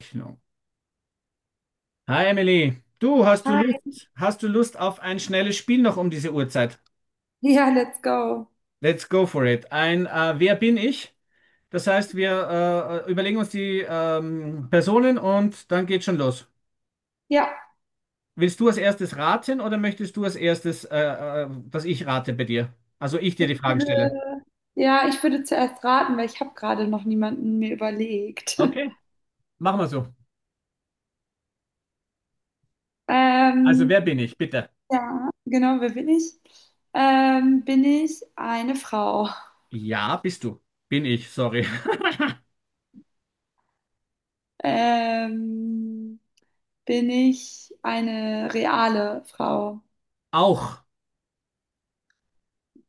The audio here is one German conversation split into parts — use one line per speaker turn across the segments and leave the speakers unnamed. Genau. Hi Emily, du
Hi.
Hast du Lust auf ein schnelles Spiel noch um diese Uhrzeit?
Ja, let's go.
Let's go for it. Ein Wer bin ich? Das heißt, wir überlegen uns die Personen und dann geht schon los.
Ja,
Willst du als erstes raten oder möchtest du als erstes, dass ich rate bei dir? Also ich dir
ich
die Fragen stelle.
würde- ja, ich würde zuerst raten, weil ich habe gerade noch niemanden mir überlegt.
Okay, machen wir so. Also,
Ähm,
wer bin ich, bitte?
ja, genau, wer bin ich? Bin ich eine Frau?
Ja, bist du. Bin ich, sorry.
Ähm, Bin ich eine reale Frau?
Auch.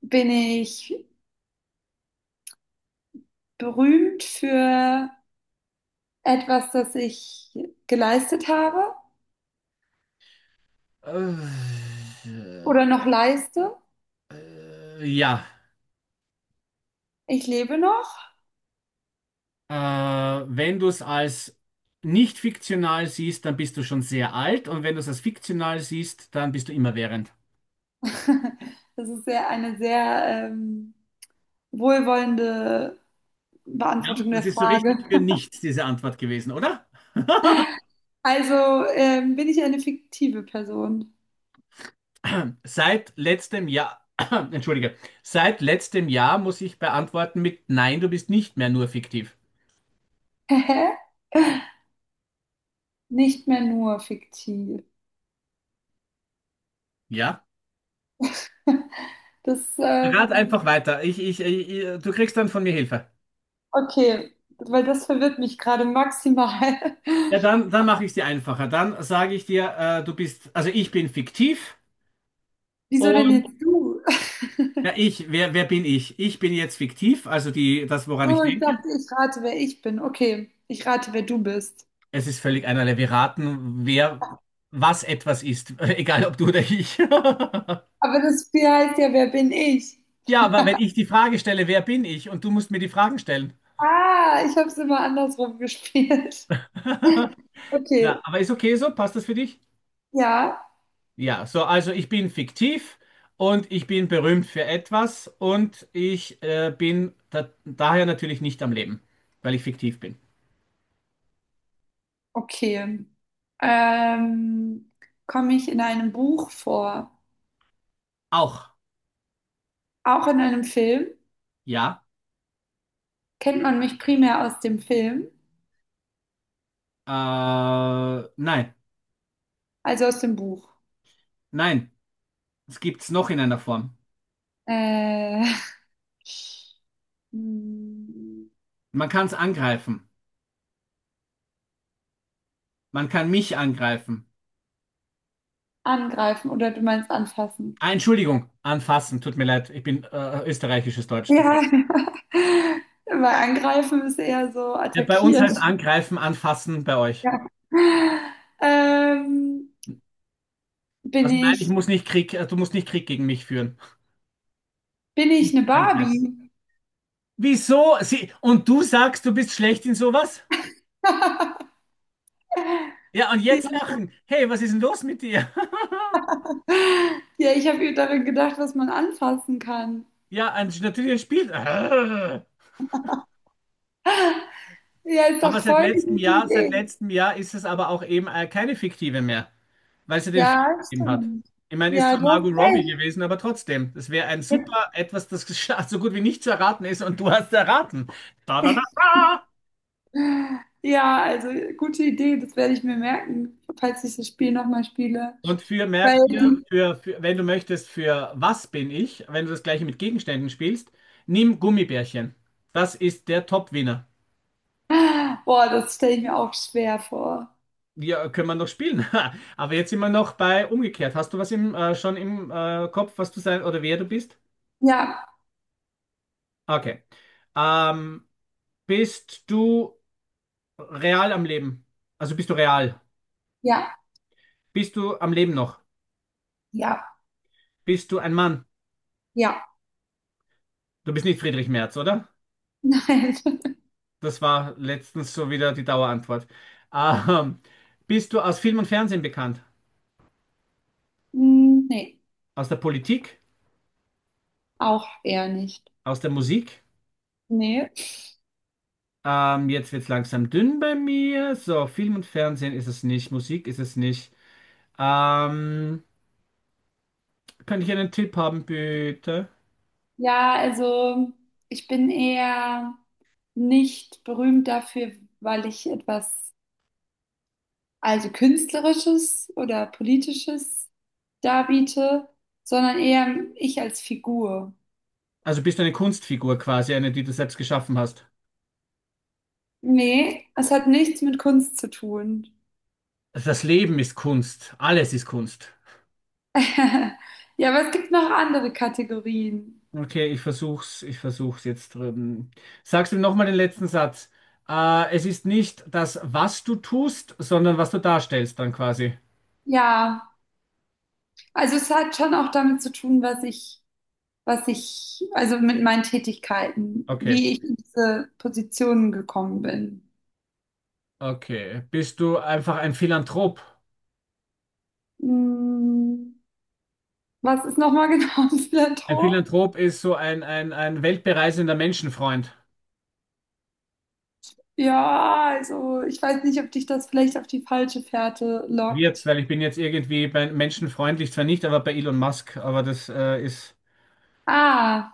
Bin ich berühmt für etwas, das ich geleistet habe
Äh,
oder noch leiste?
ja.
Ich lebe noch.
Wenn du es als nicht fiktional siehst, dann bist du schon sehr alt und wenn du es als fiktional siehst, dann bist du immerwährend.
Das ist sehr, eine sehr wohlwollende
Ja,
Beantwortung der
das ist so richtig
Frage.
für nichts, diese Antwort gewesen, oder?
Also bin ich eine fiktive Person?
Seit letztem Jahr, entschuldige, seit letztem Jahr muss ich beantworten mit Nein, du bist nicht mehr nur fiktiv.
Hä? Nicht mehr nur fiktiv.
Ja?
Das,
Rat
ähm,
einfach weiter. Du kriegst dann von mir Hilfe.
okay, weil das verwirrt mich gerade maximal.
Ja, dann mache ich es dir einfacher. Dann sage ich dir, also ich bin fiktiv.
Wieso denn
und
jetzt du?
Ja, wer bin ich? Ich bin jetzt fiktiv, also das, woran ich
So, ich
denke.
dachte, ich rate, wer ich bin. Okay, ich rate, wer du bist.
Es ist völlig einerlei. Wir raten, wer was etwas ist, egal ob du oder ich.
Aber das Spiel heißt ja, wer bin ich?
Ja, aber wenn ich die Frage stelle, wer bin ich? Und du musst mir die Fragen stellen.
Ah, ich habe es immer andersrum gespielt. Okay,
Na, aber ist okay so? Passt das für dich?
ja.
Ja, so, also ich bin fiktiv und ich bin berühmt für etwas und ich bin daher natürlich nicht am Leben, weil ich fiktiv bin.
Okay. Ähm, Komme ich in einem Buch vor?
Auch,
Auch in einem Film?
ja.
Kennt man mich primär aus dem Film,
Äh, nein,
also aus dem Buch?
nein. Was gibt's noch in einer Form?
Äh, hm,
Man kann es angreifen. Man kann mich angreifen.
angreifen oder du meinst anfassen?
Ah, Entschuldigung, anfassen. Tut mir leid, ich bin österreichisches Deutsch. Tut mir
Ja,
leid.
weil angreifen ist eher so
Ja, bei uns
attackieren.
heißt angreifen, anfassen bei euch.
Ja. Ähm, bin
Also nein, ich
ich,
muss nicht Krieg, du musst nicht Krieg gegen mich führen.
Bin ich
Nicht
eine
angreifen.
Barbie?
Wieso? Und du sagst, du bist schlecht in sowas? Ja, und jetzt lachen. Hey, was ist denn los mit dir?
Ja, ich habe daran gedacht, was man anfassen kann.
Ja, natürlich ein Spiel. Aber
Ja, ist doch voll die gute
Seit
Idee.
letztem Jahr ist es aber auch eben keine fiktive mehr, weil sie den
Ja,
Film gegeben hat.
stimmt.
Ich meine, ist
Ja,
zwar
du
Margot
hast
Robbie
recht.
gewesen, aber trotzdem. Das wäre ein
Jetzt,
super etwas, das so gut wie nicht zu erraten ist und du hast erraten. Da, da, da.
ja, also gute Idee, das werde ich mir merken, falls ich das Spiel nochmal spiele.
Und
Weil
merk dir,
die,
wenn du möchtest, für was bin ich, wenn du das gleiche mit Gegenständen spielst, nimm Gummibärchen. Das ist der Top-Winner.
boah, das stelle ich mir auch schwer vor.
Ja, können wir noch spielen. Aber jetzt sind wir noch bei umgekehrt. Hast du schon im Kopf, was du sein oder wer du bist?
Ja,
Okay. Ähm, Bist du real am Leben. Also bist du real?
ja,
Bist du am Leben noch?
ja,
Bist du ein Mann?
ja.
Du bist nicht Friedrich Merz, oder?
Nein.
Das war letztens so wieder die Dauerantwort. Ähm, Bist du aus Film und Fernsehen bekannt?
Hm, nee,
Aus der Politik?
auch eher nicht.
Aus der Musik?
Nee.
Jetzt wird's langsam dünn bei mir. So, Film und Fernsehen ist es nicht, Musik ist es nicht. Ähm, Könnte ich einen Tipp haben, bitte?
Ja, also ich bin eher nicht berühmt dafür, weil ich etwas, also Künstlerisches oder Politisches darbiete, sondern eher ich als Figur.
Also bist du eine Kunstfigur quasi, eine, die du selbst geschaffen hast.
Nee, es hat nichts mit Kunst zu tun.
Das Leben ist Kunst. Alles ist Kunst.
Ja, aber es gibt noch andere Kategorien.
Okay, ich versuch's jetzt drüben. Sagst du mir nochmal den letzten Satz? Es ist nicht das, was du tust, sondern was du darstellst dann quasi.
Ja, also es hat schon auch damit zu tun, was ich, also mit meinen Tätigkeiten,
Okay,
wie ich in diese Positionen gekommen bin.
okay. Bist du einfach ein Philanthrop?
Hm, was ist nochmal genau ein
Ein
Philanthrop?
Philanthrop ist so ein weltbereisender Menschenfreund.
Ja, also ich weiß nicht, ob dich das vielleicht auf die falsche Fährte
Wird's,
lockt.
weil ich bin jetzt irgendwie bei menschenfreundlich zwar nicht, aber bei Elon Musk, aber das ist.
Ah,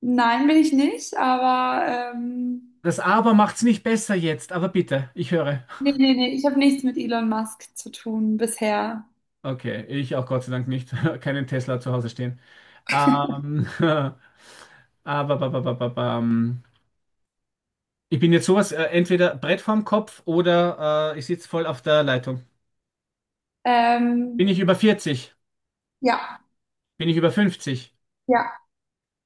nein, bin ich nicht, aber ähm,
Das Aber macht's nicht besser jetzt, aber bitte, ich höre.
nee, nee, nee, ich habe nichts mit Elon Musk zu tun bisher.
Okay, ich auch Gott sei Dank nicht. Keinen Tesla zu Hause stehen. Ähm, Aber bam. Ich bin jetzt sowas, entweder Brett vorm Kopf oder ich sitze voll auf der Leitung.
Ähm,
Bin ich über 40?
ja,
Bin ich über 50?
ja,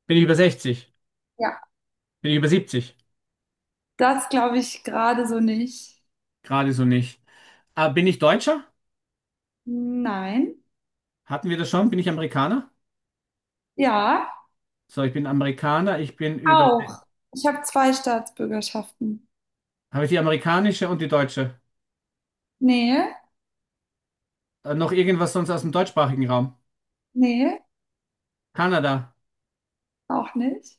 Bin ich über 60?
ja.
Bin ich über 70?
Das glaube ich gerade so nicht.
Gerade so nicht. Ah, bin ich Deutscher?
Nein.
Hatten wir das schon? Bin ich Amerikaner?
Ja,
So, ich bin Amerikaner, ich bin über.
auch. Ich habe zwei Staatsbürgerschaften.
Habe ich die amerikanische und die deutsche?
Nee,
Noch irgendwas sonst aus dem deutschsprachigen Raum?
nee,
Kanada.
auch nicht.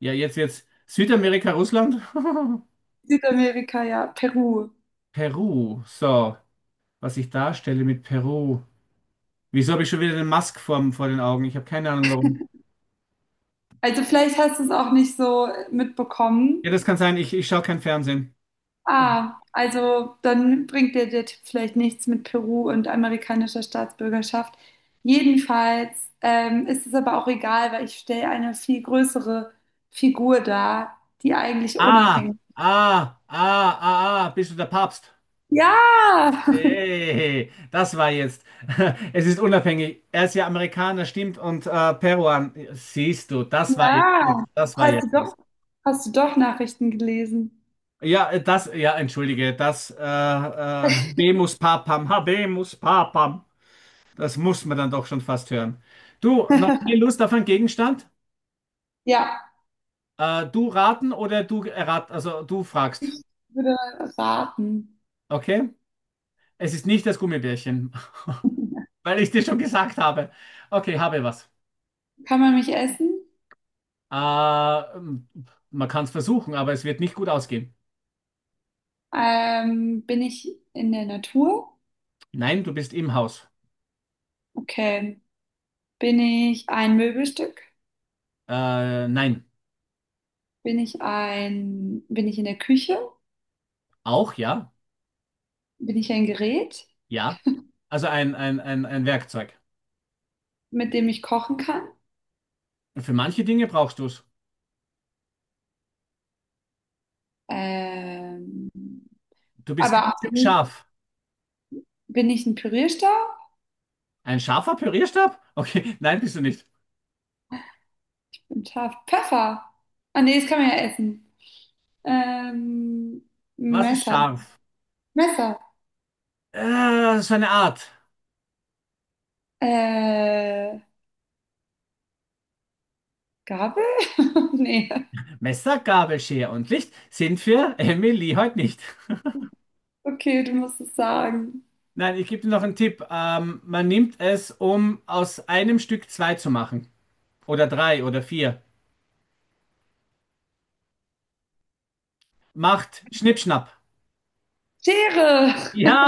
Ja, jetzt. Südamerika, Russland?
Südamerika, ja, Peru.
Peru. So, was ich darstelle mit Peru. Wieso habe ich schon wieder den Musk vor den Augen? Ich habe keine Ahnung warum.
Also vielleicht hast du es auch nicht so mitbekommen.
Ja, das kann sein. Ich schaue kein Fernsehen.
Ah, also dann bringt dir der Tipp vielleicht nichts mit Peru und amerikanischer Staatsbürgerschaft. Jedenfalls ist es aber auch egal, weil ich stelle eine viel größere Figur dar, die eigentlich
Ah,
unabhängig ist.
ah, ah, ah, ah, bist du der Papst?
Ja,
Hey, das war jetzt. Es ist unabhängig. Er ist ja Amerikaner, stimmt, und Peruan. Siehst du,
ja.
das war
Hast
jetzt
du
was.
doch, hast du doch Nachrichten gelesen?
Ja, ja, entschuldige, Habemus Papam, Habemus Papam. Das muss man dann doch schon fast hören. Du, noch mehr Lust auf einen Gegenstand?
Ja,
Du raten oder also du fragst.
ich würde raten.
Okay? Es ist nicht das Gummibärchen, weil ich dir schon gesagt habe. Okay, habe was.
Kann man mich essen?
Äh, m- Man kann es versuchen, aber es wird nicht gut ausgehen.
Bin ich in der Natur?
Nein, du bist im Haus.
Okay. Bin ich ein Möbelstück?
Nein.
Bin ich in der Küche?
Auch ja.
Bin ich ein Gerät,
Ja. Also ein Werkzeug.
mit dem ich kochen kann?
Für manche Dinge brauchst du es.
Ähm,
Du bist ganz
aber
schön scharf.
bin ich ein Pürierstab?
Ein scharfer Pürierstab? Okay, nein, bist du nicht.
Ein Taf Pfeffer? Ah nee, das kann man ja essen. Ähm,
Was ist
Messer.
scharf?
Messer.
So eine Art.
Äh, Gabel? Nee.
Messer, Gabel, Schere und Licht sind für Emily heute nicht.
Okay, du musst es sagen.
Nein, ich gebe dir noch einen Tipp. Man nimmt es, um aus einem Stück zwei zu machen. Oder drei oder vier. Macht Schnippschnapp.
Schere!
Ja!